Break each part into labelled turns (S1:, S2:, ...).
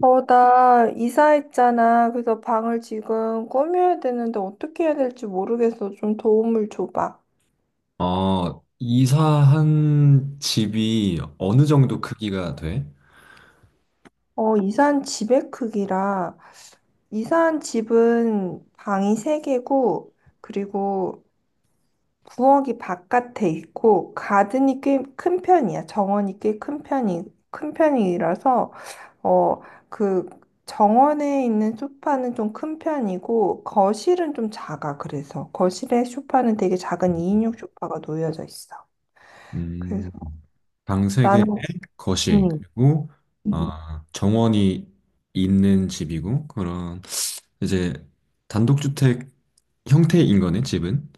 S1: 나 이사했잖아. 그래서 방을 지금 꾸며야 되는데 어떻게 해야 될지 모르겠어. 좀 도움을 줘봐.
S2: 이사한 집이 어느 정도 크기가 돼?
S1: 이사한 집의 크기라. 이사한 집은 방이 세개고 그리고 부엌이 바깥에 있고 가든이 꽤 큰 편이야. 정원이 꽤 큰 편이라서 어, 그 정원에 있는 소파는 좀 큰 편이고 거실은 좀 작아. 그래서 거실에 소파는 되게 작은 2인용 소파가 놓여져 있어. 그래서
S2: 음, 방 3개에
S1: 나는
S2: 거실,
S1: 음.
S2: 그리고
S1: 음.
S2: 정원이 있는 집이고, 이제 단독주택 형태인 거네, 집은?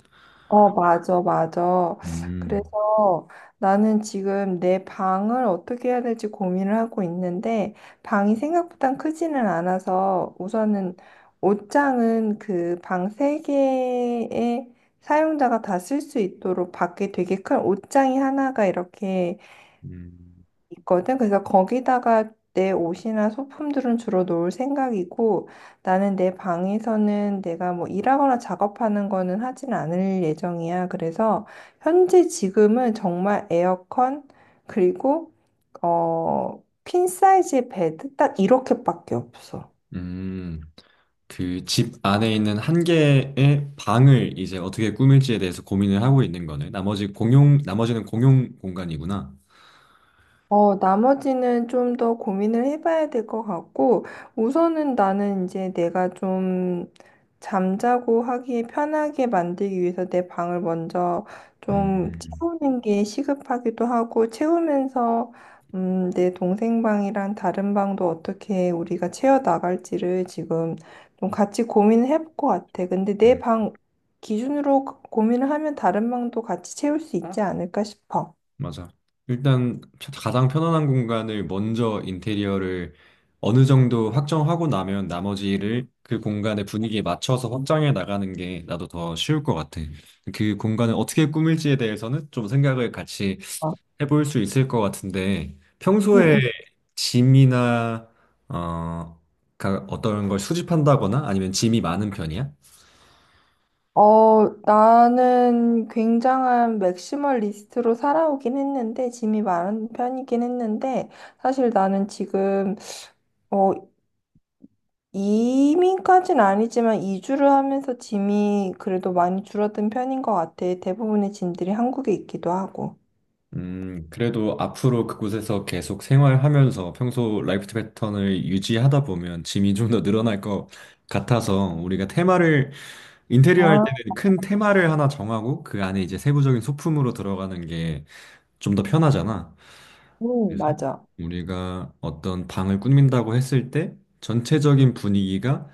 S1: 어, 맞아, 맞아.
S2: 음,
S1: 그래서 나는 지금 내 방을 어떻게 해야 될지 고민을 하고 있는데, 방이 생각보다 크지는 않아서 우선은 옷장은 그 방 세개의 사용자가 다 쓸 수 있도록 밖에 되게 큰 옷장이 하나가 이렇게
S2: 음,
S1: 있거든. 그래서 거기다가 내 옷이나 소품들은 주로 놓을 생각이고 나는 내 방에서는 내가 뭐 일하거나 작업하는 거는 하진 않을 예정이야. 그래서 현재 지금은 정말 에어컨 그리고 퀸 사이즈의 베드 딱 이렇게밖에 없어.
S2: 음, 그 집 안에 있는 한 개의 방을 이제 어떻게 꾸밀지에 대해서 고민을 하고 있는 거네. 나머지는 공용 공간이구나.
S1: 나머지는 좀 더 고민을 해봐야 될 것 같고, 우선은 나는 이제 내가 좀 잠자고 하기 편하게 만들기 위해서 내 방을 먼저 좀
S2: 음,
S1: 채우는 게 시급하기도 하고, 채우면서, 내 동생 방이랑 다른 방도 어떻게 우리가 채워 나갈지를 지금 좀 같이 고민을 해볼 것 같아. 근데 내
S2: 음.
S1: 방 기준으로 고민을 하면 다른 방도 같이 채울 수 있지 않을까 싶어.
S2: 맞아. 일단 가장 편안한 공간을 먼저 인테리어를 어느 정도 확정하고 나면 나머지를 그 공간의 분위기에 맞춰서 확장해 나가는 게 나도 더 쉬울 것 같아. 그 공간을 어떻게 꾸밀지에 대해서는 좀 생각을 같이
S1: 어.
S2: 해볼 수 있을 것 같은데 평소에
S1: 응,
S2: 짐이나 어, 어떤 걸 수집한다거나 아니면 짐이 많은 편이야?
S1: 나는 굉장한 맥시멀리스트로 살아오긴 했는데, 짐이 많은 편이긴 했는데, 사실 나는 지금, 어, 이민까진 아니지만 이주를 하면서 짐이 그래도 많이 줄어든 편인 것 같아. 대부분의 짐들이 한국에 있기도 하고.
S2: 그래도 앞으로 그곳에서 계속 생활하면서 평소 라이프 패턴을 유지하다 보면 짐이 좀 더 늘어날 것 같아서 우리가 테마를 인테리어 할
S1: 아,
S2: 때는 큰 테마를 하나 정하고 그 안에 이제 세부적인 소품으로 들어가는 게 좀 더 편하잖아. 그래서
S1: 맞아.
S2: 우리가 어떤 방을 꾸민다고 했을 때 전체적인 분위기가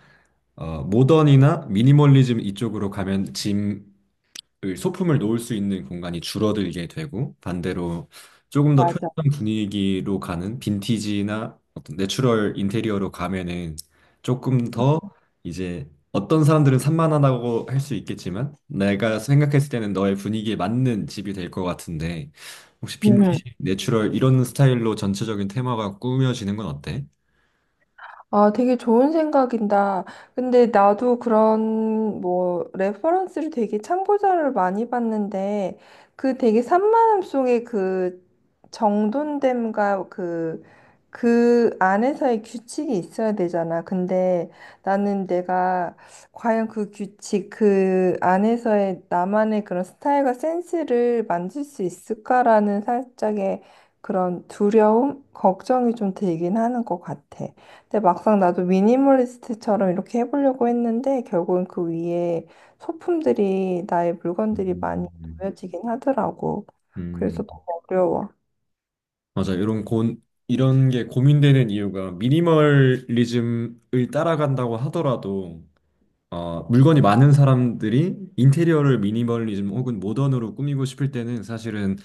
S2: 모던이나 미니멀리즘 이쪽으로 가면 짐 그 소품을 놓을 수 있는 공간이 줄어들게 되고, 반대로 조금 더
S1: 맞아.
S2: 편안한 분위기로 가는 빈티지나 어떤 내추럴 인테리어로 가면은 조금 더 이제 어떤 사람들은 산만하다고 할 수 있겠지만 내가 생각했을 때는 너의 분위기에 맞는 집이 될 것 같은데, 혹시
S1: 음.
S2: 빈티지, 내추럴 이런 스타일로 전체적인 테마가 꾸며지는 건 어때?
S1: 아, 되게 좋은 생각인다. 근데 나도 그런 뭐 레퍼런스를 되게 참고자료를 많이 봤는데 그 되게 산만함 속에 그 정돈됨과 그 그 안에서의 규칙이 있어야 되잖아. 근데 나는 내가 과연 그 규칙, 그 안에서의 나만의 그런 스타일과 센스를 만들 수 있을까라는 살짝의 그런 두려움, 걱정이 좀 들긴 하는 것 같아. 근데 막상 나도 미니멀리스트처럼 이렇게 해보려고 했는데 결국은 그 위에 소품들이 나의 물건들이 많이
S2: 음.
S1: 놓여지긴 하더라고.
S2: 음.
S1: 그래서 너무 어려워.
S2: 맞아. 이런 게 고민되는 이유가, 미니멀리즘을 따라간다고 하더라도 물건이 많은 사람들이 인테리어를 미니멀리즘 혹은 모던으로 꾸미고 싶을 때는 사실은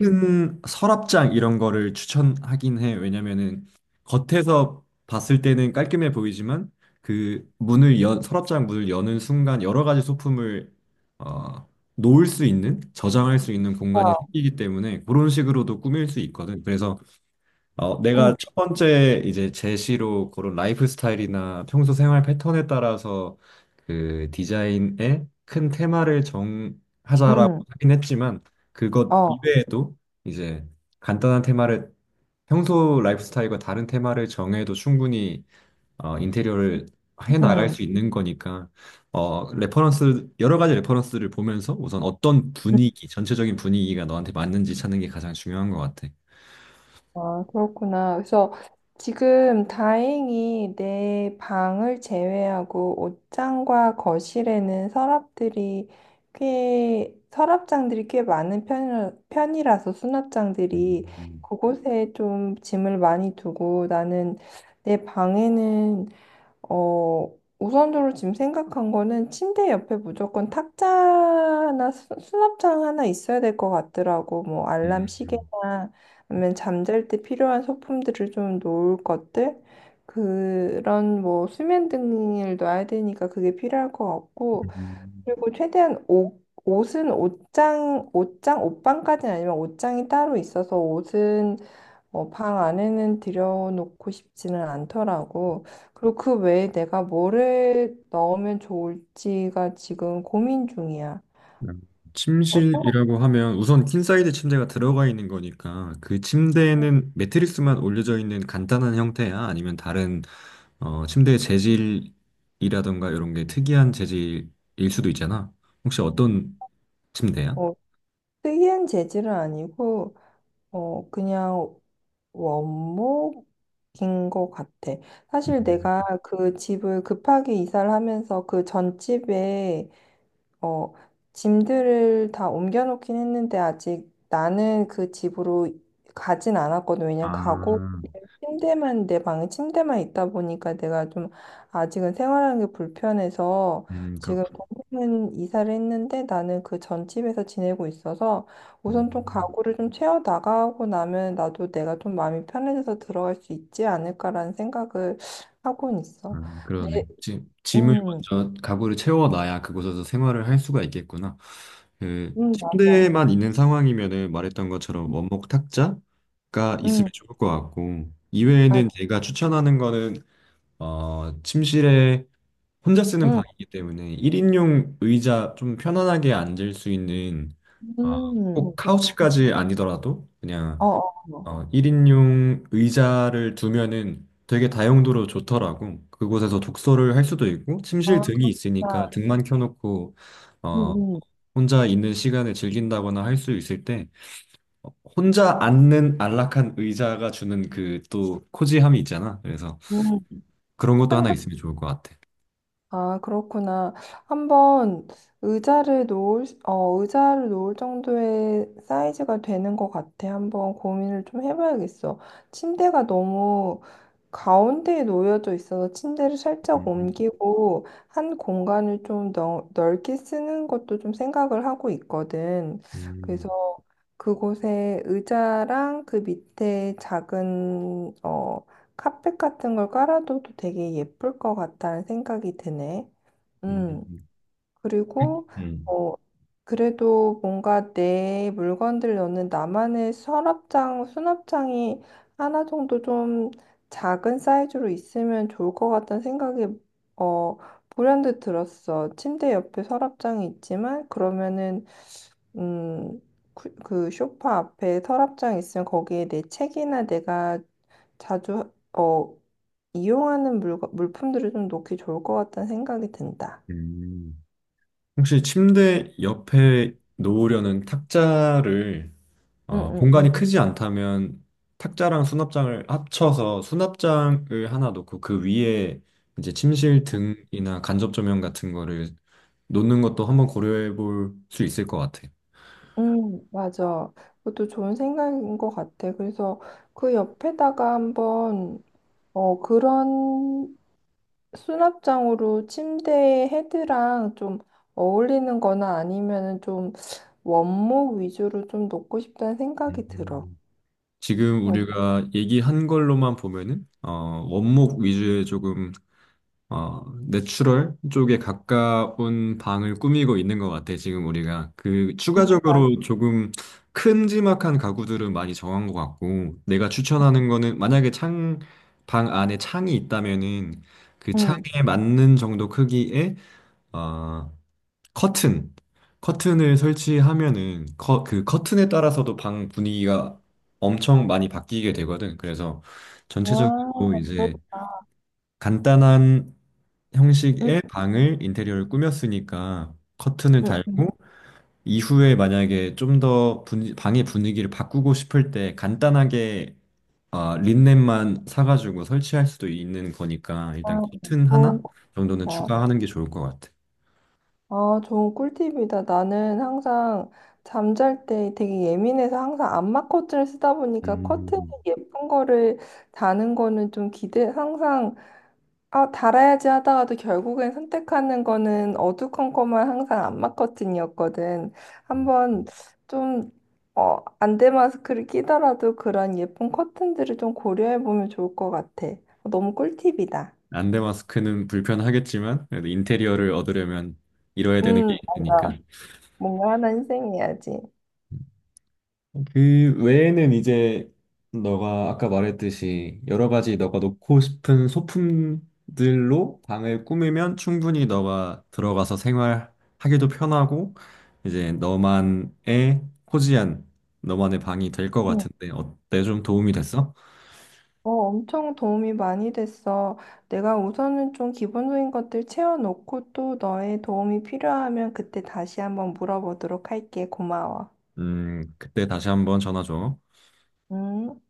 S2: 큰 서랍장 이런 거를 추천하긴 해. 왜냐면은 겉에서 봤을 때는 깔끔해 보이지만 서랍장 문을 여는 순간 여러 가지 소품을 어, 놓을 수 있는, 저장할 수 있는 공간이
S1: 와.
S2: 생기기 때문에 그런 식으로도 꾸밀 수 있거든. 그래서
S1: 응,
S2: 내가 첫 번째 이제 제시로 고른 라이프 스타일이나 평소 생활 패턴에 따라서 그 디자인의 큰 테마를 정하자라고
S1: 응,
S2: 하긴 했지만 그것
S1: 어,
S2: 이외에도 이제 간단한 테마를, 평소 라이프 스타일과 다른 테마를 정해도 충분히 인테리어를 해 나갈 수
S1: 응.
S2: 있는 거니까, 레퍼런스 여러 가지 레퍼런스를 보면서 우선 어떤 분위기 전체적인 분위기가 너한테 맞는지 찾는 게 가장 중요한 것 같아.
S1: 아, 그렇구나. 그래서 지금 다행히 내 방을 제외하고 옷장과 거실에는 서랍들이 꽤, 서랍장들이 꽤 많은 편이라서
S2: 음,
S1: 수납장들이
S2: 음,
S1: 그곳에 좀 짐을 많이 두고 나는 내 방에는 어, 우선적으로 지금 생각한 거는 침대 옆에 무조건 탁자나 수납장 하나 있어야 될 것 같더라고. 뭐 알람
S2: 음.
S1: 시계나 아니면 잠잘 때 필요한 소품들을 좀 놓을 것들 그런 뭐 수면 등을 놔야 되니까 그게 필요할 것 같고
S2: 음,
S1: 그리고 최대한 옷 옷은 옷장 옷방까지는 아니면 옷장이 따로 있어서 옷은 방 안에는 들여놓고 싶지는 않더라고. 그리고 그 외에 내가 뭐를 넣으면 좋을지가 지금 고민 중이야.
S2: 음.
S1: 어떤,
S2: 침실이라고 하면 우선 퀸사이드 침대가 들어가 있는 거니까, 그 침대에는 매트리스만 올려져 있는 간단한 형태야? 아니면 다른 침대의 재질이라던가 이런 게 특이한 재질일 수도 있잖아. 혹시 어떤 침대야?
S1: 어, 특이한 재질은 아니고, 그냥 원목인 것 같아.
S2: 음.
S1: 사실 내가 그 집을 급하게 이사를 하면서 그 전집에, 어, 짐들을 다 옮겨놓긴 했는데 아직 나는 그 집으로 가진 않았거든. 왜냐면
S2: 아,
S1: 가고 침대만 내 방에 침대만 있다 보니까 내가 좀 아직은 생활하는 게 불편해서 지금
S2: 그렇군.
S1: 동생은 이사를 했는데 나는 그 전 집에서 지내고 있어서
S2: 음.
S1: 우선 좀 가구를 좀 채워 나가고 나면 나도 내가 좀 마음이 편해져서 들어갈 수 있지 않을까라는 생각을 하고는 있어. 네,
S2: 그러네. 짐을
S1: 음,
S2: 먼저, 가구를 채워놔야 그곳에서 생활을 할 수가 있겠구나. 그
S1: 맞아.
S2: 침대만 있는 상황이면은 말했던 것처럼 원목 탁자가 있으면
S1: 음,
S2: 좋을 것 같고, 이외에는
S1: 맞아.
S2: 제가 추천하는 거는 침실에 혼자 쓰는
S1: 음,
S2: 방이기 때문에 1인용 의자, 좀 편안하게 앉을 수 있는, 어, 꼭
S1: 그렇구나.
S2: 카우치까지 아니더라도 그냥
S1: 어, 어,
S2: 1인용 의자를 두면은 되게 다용도로 좋더라고. 그곳에서 독서를 할 수도 있고,
S1: 어.
S2: 침실
S1: 아,
S2: 등이 있으니까
S1: 그냥,
S2: 등만 켜놓고, 어,
S1: 음,
S2: 혼자 있는 시간을 즐긴다거나 할 수 있을 때, 혼자 앉는 안락한 의자가 주는 그 또 코지함이 있잖아. 그래서
S1: 음, 음.
S2: 그런 것도 하나
S1: 항상
S2: 있으면 좋을 것 같아.
S1: 아, 그렇구나. 한번 의자를 놓을 정도의 사이즈가 되는 것 같아. 한번 고민을 좀 해봐야겠어. 침대가 너무 가운데에 놓여져 있어서 침대를 살짝
S2: 음,
S1: 옮기고 한 공간을 좀 넓게 쓰는 것도 좀 생각을 하고 있거든. 그래서
S2: 음,
S1: 그곳에 의자랑 그 밑에 작은 카펫 같은 걸 깔아둬도 되게 예쁠 것 같다는 생각이 드네. 음,
S2: 음,
S1: 그리고,
S2: 음,
S1: 어, 그래도 뭔가 내 물건들 넣는 나만의 서랍장, 수납장이 하나 정도 좀 작은 사이즈로 있으면 좋을 것 같다는 생각이, 어, 불현듯 들었어. 침대 옆에 서랍장이 있지만, 그러면은, 음, 그 소파 앞에 서랍장 있으면 거기에 내 책이나 내가 자주 이용하는 물품들을 좀 놓기 좋을 것 같다는 생각이 든다.
S2: 음. 혹시 침대 옆에 놓으려는 탁자를
S1: 응, 응, 응.
S2: 공간이 크지 않다면 탁자랑 수납장을 합쳐서 수납장을 하나 놓고, 그 위에 이제 침실 등이나 간접 조명 같은 거를 놓는 것도 한번 고려해 볼 수 있을 것 같아.
S1: 맞아. 그것도 좋은 생각인 것 같아. 그래서 그 옆에다가 그런 수납장으로 침대 헤드랑 좀 어울리는 거나 아니면은 좀 원목 위주로 좀 놓고 싶다는 생각이 들어.
S2: 음. 지금
S1: 어,
S2: 우리가 얘기한 걸로만 보면은 원목 위주의 조금 어, 내추럴 쪽에 가까운 방을 꾸미고 있는 것 같아, 지금 우리가.
S1: 맞아.
S2: 추가적으로 조금 큼지막한 가구들은 많이 정한 것 같고, 내가 추천하는 거는, 만약에 방 안에 창이 있다면은, 그
S1: 응.
S2: 창에 맞는 정도 크기의 어, 커튼. 커튼을 설치하면은, 그 커튼에 따라서도 방 분위기가 엄청 많이 바뀌게 되거든. 그래서
S1: 와,
S2: 전체적으로 이제
S1: 그렇다.
S2: 간단한
S1: 응,
S2: 형식의 방을 인테리어를 꾸몄으니까 커튼을
S1: 응, 응.
S2: 달고 이후에 만약에 좀 더 방의 분위기를 바꾸고 싶을 때 간단하게 아, 린넨만 사가지고 설치할 수도 있는 거니까
S1: 아,
S2: 일단 커튼 하나
S1: 좋은 거.
S2: 정도는 추가하는 게 좋을 것 같아.
S1: 아, 좋은 꿀팁이다. 나는 항상 잠잘 때 되게 예민해서 항상 안마 커튼을 쓰다 보니까 커튼이
S2: 음,
S1: 예쁜 거를 다는 거는 좀 기대, 항상, 아, 달아야지 하다가도 결국엔 선택하는 거는 어두컴컴한 항상 안마 커튼이었거든.
S2: 음.
S1: 한번 좀, 안대 마스크를 끼더라도 그런 예쁜 커튼들을 좀 고려해 보면 좋을 것 같아. 너무 꿀팁이다.
S2: 안대 마스크는 불편하겠지만 그래도 인테리어를 얻으려면 이뤄야 되는 게 있으니까.
S1: 맞아. 뭔가 하나 희생해야지.
S2: 그 외에는 이제 너가 아까 말했듯이 여러 가지 너가 놓고 싶은 소품들로 방을 꾸미면 충분히 너가 들어가서 생활하기도 편하고 이제 너만의 코지한 너만의 방이 될 것 같은데 어때? 좀 도움이 됐어?
S1: 어, 엄청 도움이 많이 됐어. 내가 우선은 좀 기본적인 것들 채워놓고 또 너의 도움이 필요하면 그때 다시 한번 물어보도록 할게. 고마워.
S2: 그때 다시 한번 전화 줘.
S1: 음.